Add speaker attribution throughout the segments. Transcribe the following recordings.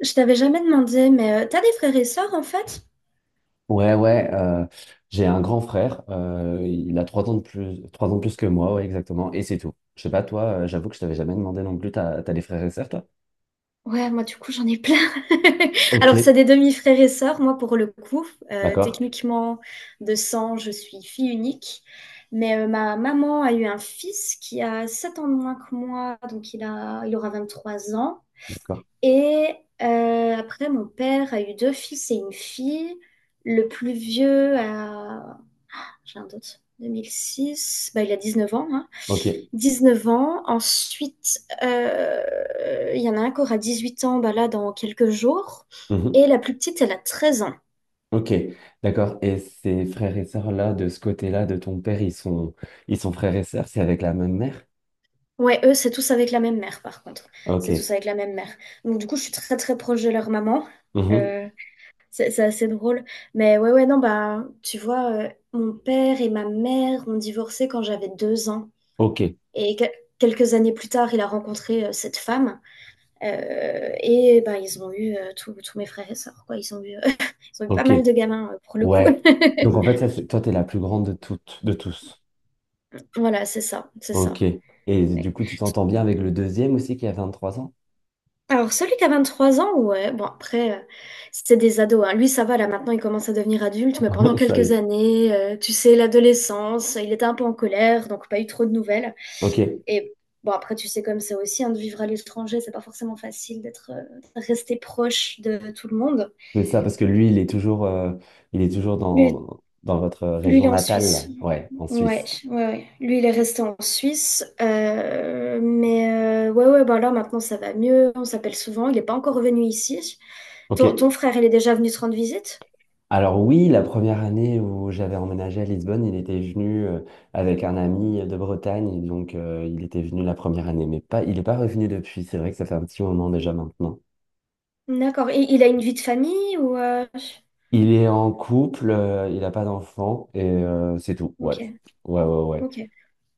Speaker 1: Je t'avais jamais demandé, mais t'as des frères et sœurs en fait?
Speaker 2: Ouais, ouais, j'ai un grand frère, il a 3 ans de plus, 3 ans de plus que moi, ouais, exactement, et c'est tout. Je sais pas, toi, j'avoue que je t'avais jamais demandé non plus, t'as des frères et sœurs, toi?
Speaker 1: Ouais, moi du coup j'en ai plein.
Speaker 2: Ok,
Speaker 1: Alors c'est des demi-frères et sœurs, moi pour le coup.
Speaker 2: d'accord,
Speaker 1: Techniquement de sang, je suis fille unique. Mais ma maman a eu un fils qui a 7 ans de moins que moi, donc il a, il aura 23 ans.
Speaker 2: d'accord,
Speaker 1: Et après mon père a eu deux fils et une fille. Le plus vieux a, j'ai un doute, 2006, bah, il a 19 ans, hein.
Speaker 2: ok,
Speaker 1: 19 ans. Ensuite, il y en a un qui aura 18 ans bah là, dans quelques jours. Et
Speaker 2: mhm,
Speaker 1: la plus petite, elle a 13 ans.
Speaker 2: ok, d'accord. Et ces frères et sœurs là, de ce côté-là, de ton père, ils sont frères et sœurs, c'est avec la même mère?
Speaker 1: Ouais, eux, c'est tous avec la même mère, par contre. C'est
Speaker 2: Ok,
Speaker 1: tous avec la même mère. Donc, du coup, je suis très, très proche de leur maman.
Speaker 2: mhm,
Speaker 1: Euh, c'est assez drôle. Mais ouais, ouais, non, bah, tu vois, mon père et ma mère ont divorcé quand j'avais 2 ans.
Speaker 2: ok,
Speaker 1: Et quelques années plus tard, il a rencontré cette femme. Et ben, ils ont eu tous mes frères et sœurs, quoi. Ils ont eu, ils ont eu pas
Speaker 2: ok,
Speaker 1: mal de gamins pour le coup.
Speaker 2: ouais. Donc en fait, ça, c'est, toi, t'es la plus grande de toutes, de tous.
Speaker 1: Voilà, c'est ça, c'est
Speaker 2: Ok.
Speaker 1: ça.
Speaker 2: Et du
Speaker 1: Ouais.
Speaker 2: coup, tu t'entends bien avec le deuxième aussi qui a 23 ans?
Speaker 1: Alors, celui qui a 23 ans, ouais, bon, après, c'est des ados, hein. Lui, ça va, là, maintenant, il commence à devenir adulte, mais pendant
Speaker 2: Ça y
Speaker 1: quelques
Speaker 2: est.
Speaker 1: années, tu sais, l'adolescence, il était un peu en colère, donc pas eu trop de nouvelles.
Speaker 2: Ok,
Speaker 1: Et bon, après, tu sais, comme c'est aussi, hein, de vivre à l'étranger, c'est pas forcément facile d'être, de rester proche de tout le monde.
Speaker 2: c'est ça, parce que lui, il est toujours
Speaker 1: Lui,
Speaker 2: dans votre
Speaker 1: il
Speaker 2: région
Speaker 1: est en
Speaker 2: natale, là.
Speaker 1: Suisse.
Speaker 2: Ouais, en
Speaker 1: Ouais,
Speaker 2: Suisse.
Speaker 1: ouais, ouais. Lui, il est resté en Suisse, mais ouais, ouais, bah là maintenant ça va mieux, on s'appelle souvent, il n'est pas encore revenu ici. Ton
Speaker 2: Ok.
Speaker 1: frère, il est déjà venu te rendre visite?
Speaker 2: Alors oui, la première année où j'avais emménagé à Lisbonne, il était venu avec un ami de Bretagne, et donc il était venu la première année, mais pas, il n'est pas revenu depuis. C'est vrai que ça fait un petit moment déjà maintenant.
Speaker 1: D'accord, et il a une vie de famille ou...
Speaker 2: Il est en couple, il n'a pas d'enfant et c'est tout. Ouais,
Speaker 1: Ok,
Speaker 2: ouais, ouais, ouais.
Speaker 1: ok.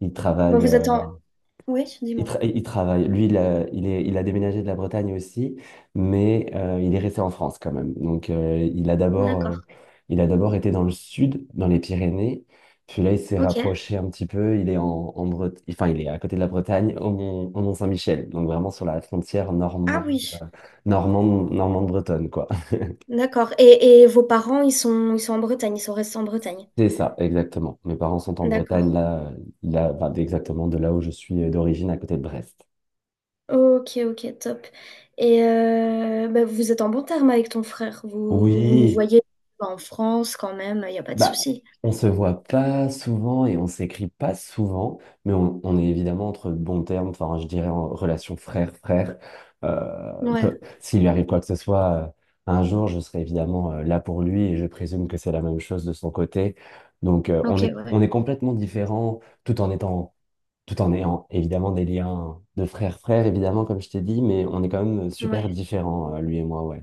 Speaker 2: Il
Speaker 1: Bah
Speaker 2: travaille.
Speaker 1: vous êtes en... Oui, dis-moi.
Speaker 2: Il travaille. Lui, il a déménagé de la Bretagne aussi, mais il est resté en France quand même. Donc, il a d'abord, euh,
Speaker 1: D'accord,
Speaker 2: il a d'abord été dans le sud, dans les Pyrénées. Puis là, il s'est
Speaker 1: ok.
Speaker 2: rapproché un petit peu. Il est en, en Bret- Enfin, il est à côté de la Bretagne, au Mont-Saint-Michel. Donc, vraiment sur la frontière
Speaker 1: Ah
Speaker 2: normande,
Speaker 1: oui,
Speaker 2: normande bretonne, quoi.
Speaker 1: d'accord. Et vos parents, ils sont en Bretagne, ils sont restés en Bretagne.
Speaker 2: C'est ça, exactement. Mes parents sont en
Speaker 1: D'accord.
Speaker 2: Bretagne, là, là, enfin, exactement de là où je suis d'origine, à côté de Brest.
Speaker 1: Ok, ok, top. Et bah, vous êtes en bon terme avec ton frère. Vous vous, vous
Speaker 2: Oui.
Speaker 1: voyez en France quand même, il n'y a pas de
Speaker 2: Bah,
Speaker 1: souci.
Speaker 2: on se voit pas souvent et on s'écrit pas souvent, mais on est évidemment entre bons termes, enfin, je dirais en relation frère-frère.
Speaker 1: Ouais,
Speaker 2: S'il lui arrive quoi que ce soit, un jour, je serai évidemment là pour lui et je présume que c'est la même chose de son côté. Donc, on
Speaker 1: ok,
Speaker 2: est,
Speaker 1: ouais,
Speaker 2: on est complètement différents tout en étant, tout en ayant évidemment des liens de frère-frère, évidemment, comme je t'ai dit, mais on est quand même super
Speaker 1: ouais.
Speaker 2: différents, lui et moi, ouais.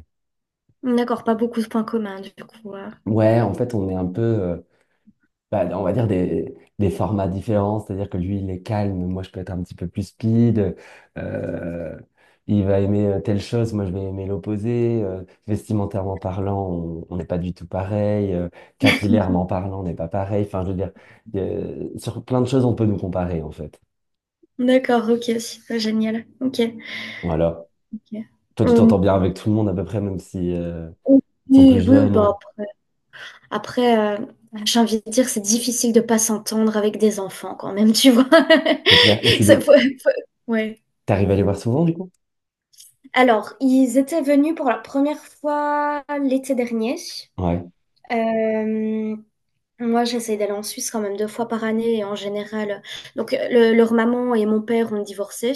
Speaker 1: D'accord, pas beaucoup de points communs du coup. Ouais.
Speaker 2: Ouais, en fait, on est un peu. Bah, on va dire des formats différents, c'est-à-dire que lui, il est calme, moi, je peux être un petit peu plus speed, euh, il va aimer telle chose, moi, je vais aimer l'opposé, vestimentairement parlant, on n'est pas du tout pareil, capillairement parlant, on n'est pas pareil, enfin, je veux dire, sur plein de choses, on peut nous comparer, en fait.
Speaker 1: D'accord, ok, super, génial. Ok.
Speaker 2: Voilà.
Speaker 1: Ok.
Speaker 2: Toi, tu
Speaker 1: Euh,
Speaker 2: t'entends bien avec tout le monde, à peu près, même si, ils sont plus
Speaker 1: oui, oui,
Speaker 2: jeunes, ouais.
Speaker 1: bah, après, après, euh, j'ai envie de dire, c'est difficile de pas s'entendre avec des enfants quand même, tu vois.
Speaker 2: C'est clair. Mais tu
Speaker 1: Ça,
Speaker 2: les...
Speaker 1: faut- faut- Ouais.
Speaker 2: T'arrives à les voir souvent, du coup?
Speaker 1: Alors, ils étaient venus pour la première fois l'été dernier.
Speaker 2: Ouais.
Speaker 1: Euh, Moi, j'essaie d'aller en Suisse quand même 2 fois par année et en général. Donc, leur maman et mon père ont divorcé,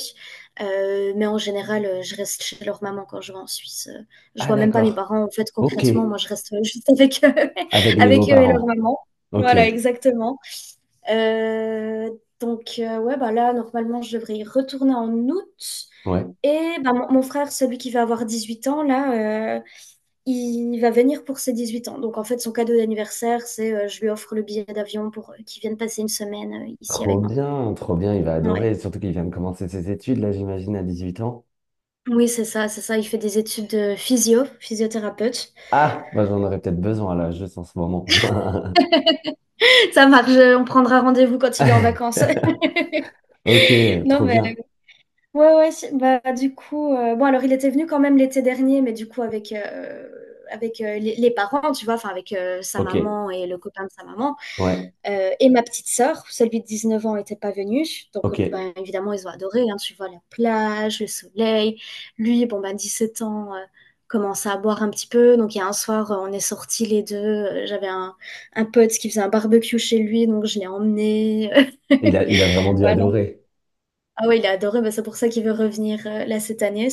Speaker 1: mais en général, je reste chez leur maman quand je vais en Suisse. Je
Speaker 2: Ah,
Speaker 1: vois même pas mes
Speaker 2: d'accord.
Speaker 1: parents en fait
Speaker 2: Ok.
Speaker 1: concrètement. Moi, je reste juste avec eux,
Speaker 2: Avec les
Speaker 1: avec eux et leur
Speaker 2: beaux-parents.
Speaker 1: maman.
Speaker 2: Ok.
Speaker 1: Voilà, exactement. Euh, donc, ouais, bah là, normalement, je devrais y retourner en août.
Speaker 2: Ouais.
Speaker 1: Et bah, mon frère, celui qui va avoir 18 ans, là, il va venir pour ses 18 ans. Donc, en fait, son cadeau d'anniversaire, c'est je lui offre le billet d'avion pour qu'il vienne passer une semaine ici avec moi.
Speaker 2: Trop bien, il va
Speaker 1: Ouais.
Speaker 2: adorer, surtout qu'il vient de commencer ses études, là j'imagine, à 18 ans.
Speaker 1: Oui, c'est ça, c'est ça. Il fait des études de physio, physiothérapeute.
Speaker 2: Ah, bah, j'en aurais peut-être besoin là, juste en ce moment.
Speaker 1: Ça marche, on prendra rendez-vous quand il vient en vacances.
Speaker 2: Ok,
Speaker 1: Non,
Speaker 2: trop
Speaker 1: mais
Speaker 2: bien.
Speaker 1: ouais, ouais. Bah, du coup, bon, alors il était venu quand même l'été dernier, mais du coup, avec, les parents, tu vois, enfin, avec sa
Speaker 2: Ok,
Speaker 1: maman et le copain de sa maman.
Speaker 2: ouais,
Speaker 1: Et ma petite sœur, celui de 19 ans, n'était pas venu. Donc,
Speaker 2: ok.
Speaker 1: ben, évidemment, ils ont adoré, hein. Tu vois, la plage, le soleil. Lui, bon, ben, 17 ans, commence à boire un petit peu. Donc, il y a un soir, on est sortis les deux. J'avais un pote qui faisait un barbecue chez lui, donc je l'ai emmené.
Speaker 2: Il a, il a vraiment dû
Speaker 1: Voilà.
Speaker 2: adorer.
Speaker 1: Ah oui, il a adoré. Ben, c'est pour ça qu'il veut revenir là cette année.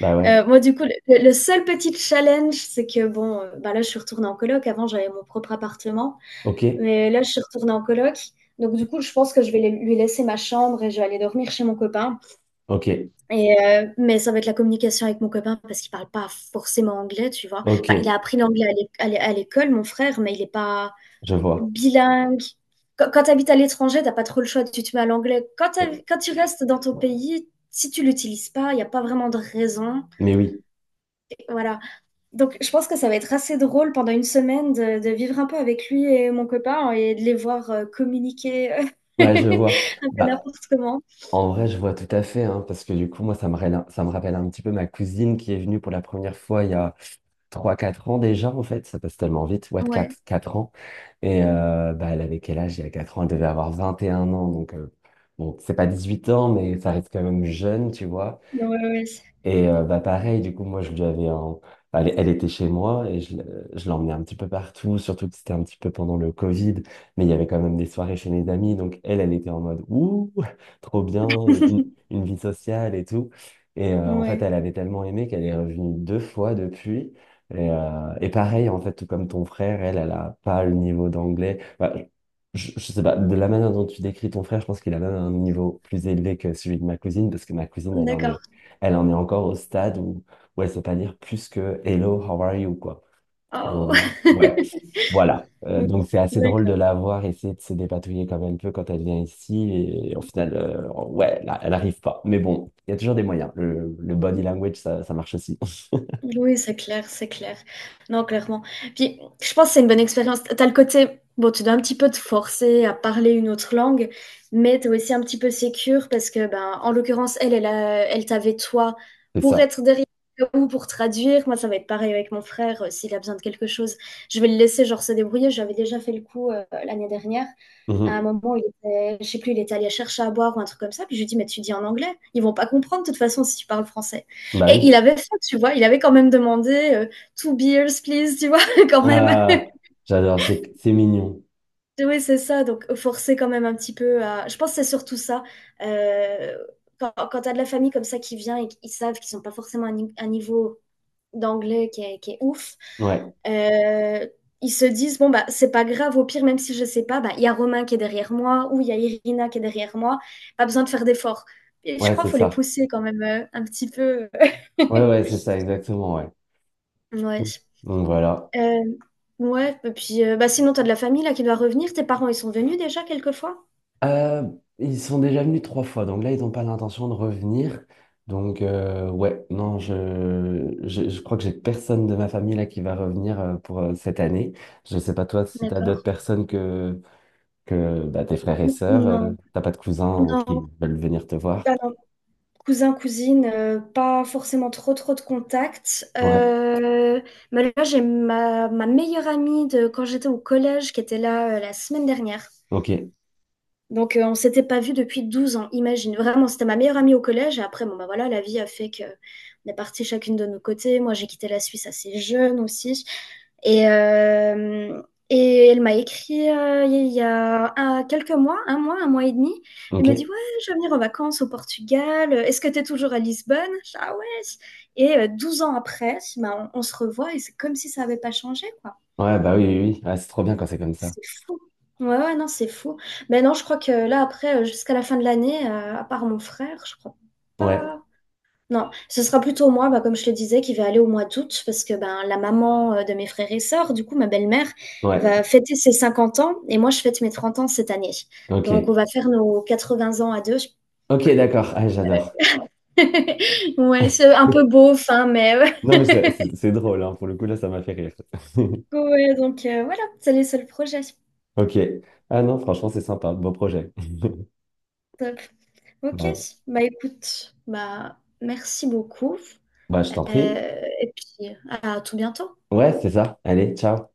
Speaker 2: Bah ouais,
Speaker 1: Moi, du coup, le seul petit challenge, c'est que, bon, ben là, je suis retournée en coloc. Avant, j'avais mon propre appartement.
Speaker 2: ok,
Speaker 1: Mais là, je suis retournée en coloc. Donc, du coup, je pense que je vais lui laisser ma chambre et je vais aller dormir chez mon copain.
Speaker 2: ok,
Speaker 1: Et, mais ça va être la communication avec mon copain parce qu'il parle pas forcément anglais, tu vois. Enfin, il
Speaker 2: ok,
Speaker 1: a appris l'anglais à l'école, mon frère, mais il n'est pas
Speaker 2: je vois.
Speaker 1: bilingue. Quand, quand tu habites à l'étranger, t'as pas trop le choix, tu te mets à l'anglais. Quand tu restes dans ton pays, si tu l'utilises pas, il n'y a pas vraiment de raison.
Speaker 2: Mais oui,
Speaker 1: Voilà. Donc, je pense que ça va être assez drôle pendant une semaine de vivre un peu avec lui et mon copain et de les voir communiquer
Speaker 2: ouais, je vois.
Speaker 1: un peu
Speaker 2: Bah,
Speaker 1: n'importe comment.
Speaker 2: en vrai, je vois tout à fait, hein, parce que du coup, moi, ça me rappelle un petit peu ma cousine qui est venue pour la première fois il y a trois, quatre ans déjà, en fait. Ça passe tellement vite, ouais, 4,
Speaker 1: Ouais,
Speaker 2: 4 ans. Et bah, elle avait quel âge? Il y a 4 ans, elle devait avoir 21 ans. Donc, bon, c'est pas 18 ans, mais ça reste quand même jeune, tu vois.
Speaker 1: ouais, ouais.
Speaker 2: Et bah pareil, du coup, moi, je lui avais un... Elle, elle était chez moi et je l'emmenais un petit peu partout, surtout que c'était un petit peu pendant le Covid, mais il y avait quand même des soirées chez mes amis. Donc, elle, elle était en mode, ouh, trop bien, une, une vie sociale et tout. Et en fait,
Speaker 1: Ouais,
Speaker 2: elle avait tellement aimé qu'elle est revenue deux fois depuis. Et, pareil, en fait, tout comme ton frère, elle, elle a pas le niveau d'anglais. Bah, je sais pas, de la manière dont tu décris ton frère, je pense qu'il a même un niveau plus élevé que celui de ma cousine, parce que ma cousine,
Speaker 1: d'accord.
Speaker 2: elle en est encore au stade où elle sait pas dire plus que Hello, how are you, quoi. Donc,
Speaker 1: Oh.
Speaker 2: ouais, voilà. Donc, c'est assez drôle de
Speaker 1: D'accord.
Speaker 2: la voir essayer de se dépatouiller comme elle peut quand elle vient ici. Et, au final, ouais, là, elle arrive pas. Mais bon, il y a toujours des moyens. Le body language, ça marche aussi.
Speaker 1: Oui, c'est clair, c'est clair. Non, clairement. Puis, je pense que c'est une bonne expérience. T'as le côté, bon, tu dois un petit peu te forcer à parler une autre langue, mais t'es aussi un petit peu sécure parce que, ben, en l'occurrence, elle, elle, elle t'avait toi
Speaker 2: C'est
Speaker 1: pour
Speaker 2: ça.
Speaker 1: être derrière ou pour traduire. Moi, ça va être pareil avec mon frère, s'il a besoin de quelque chose, je vais le laisser, genre, se débrouiller. J'avais déjà fait le coup, l'année dernière. À un
Speaker 2: Mhm.
Speaker 1: moment, il était, je sais plus, il était allé chercher à boire ou un truc comme ça. Puis je lui dis, mais tu dis en anglais. Ils vont pas comprendre de toute façon si tu parles français.
Speaker 2: Bah
Speaker 1: Et
Speaker 2: oui.
Speaker 1: il avait fait, tu vois, il avait quand même demandé two beers, please, tu vois, quand même.
Speaker 2: Euh, J'adore, c'est mignon.
Speaker 1: Oui, c'est ça, donc forcer quand même un petit peu à. Je pense que c'est surtout ça. Euh, quand tu as de la famille comme ça qui vient et qu'ils savent qu'ils sont pas forcément à un un niveau d'anglais qui est ouf,
Speaker 2: Ouais,
Speaker 1: euh, ils se disent, bon, bah, c'est pas grave, au pire, même si je sais pas, bah, il y a Romain qui est derrière moi ou il y a Irina qui est derrière moi, pas besoin de faire d'efforts. Et je
Speaker 2: ouais,
Speaker 1: crois
Speaker 2: c'est
Speaker 1: qu'il faut les
Speaker 2: ça.
Speaker 1: pousser quand même un petit peu.
Speaker 2: Ouais, ouais, c'est ça, exactement, ouais.
Speaker 1: Ouais.
Speaker 2: Donc voilà.
Speaker 1: Euh, ouais, et puis bah, sinon, t'as de la famille là qui doit revenir. Tes parents, ils sont venus déjà quelquefois?
Speaker 2: Euh, Ils sont déjà venus trois fois, donc là, ils n'ont pas l'intention de revenir. Donc, ouais, non, je crois que j'ai personne de ma famille là qui va revenir pour cette année. Je ne sais pas toi si tu as d'autres
Speaker 1: D'accord.
Speaker 2: personnes que, bah, tes frères et sœurs,
Speaker 1: Non,
Speaker 2: t'as pas de cousins
Speaker 1: non,
Speaker 2: qui veulent venir te voir.
Speaker 1: pas non. Cousin, cousine, pas forcément trop trop de contacts.
Speaker 2: Ouais,
Speaker 1: Mais là, j'ai ma meilleure amie de quand j'étais au collège qui était là la semaine dernière.
Speaker 2: ok,
Speaker 1: Donc, on s'était pas vu depuis 12 ans, imagine. Vraiment, c'était ma meilleure amie au collège. Et après, bon, bah voilà, la vie a fait que on est partis chacune de nos côtés. Moi, j'ai quitté la Suisse assez jeune aussi. Et, euh, et elle m'a écrit il y a un- quelques mois, un mois, un mois et demi. Elle me dit,
Speaker 2: ok.
Speaker 1: ouais, je vais venir en vacances au Portugal. Est-ce que tu es toujours à Lisbonne? Je dis, ah ouais. Et 12 ans après, bah, on se revoit et c'est comme si ça n'avait pas changé, quoi.
Speaker 2: Ouais, bah oui, oui, oui. Ah, c'est trop bien quand c'est comme ça.
Speaker 1: C'est fou. Ouais, ouais, non, c'est fou. Mais non, je crois que là, après, jusqu'à la fin de l'année, à part mon frère, je crois
Speaker 2: Ouais,
Speaker 1: pas. Non, ce sera plutôt moi, bah, comme je le disais, qui vais aller au mois d'août, parce que ben, la maman de mes frères et sœurs, du coup, ma belle-mère, va
Speaker 2: ouais,
Speaker 1: fêter ses 50 ans, et moi, je fête mes 30 ans cette année. Donc, on
Speaker 2: ok.
Speaker 1: va faire nos 80 ans à deux.
Speaker 2: Ok, d'accord, ah, j'adore.
Speaker 1: Ouais, c'est un peu beau fin mais
Speaker 2: Non,
Speaker 1: ouais.
Speaker 2: mais c'est drôle, hein. Pour le coup, là, ça m'a fait rire.
Speaker 1: Ouais, donc voilà, c'est les seuls projets.
Speaker 2: Ok. Ah non, franchement, c'est sympa. Beau projet.
Speaker 1: Top. Ok,
Speaker 2: Bah,
Speaker 1: bah écoute, bah merci beaucoup.
Speaker 2: bah, je t'en prie.
Speaker 1: Et puis, à tout bientôt.
Speaker 2: Ouais, c'est ça. Allez, ciao.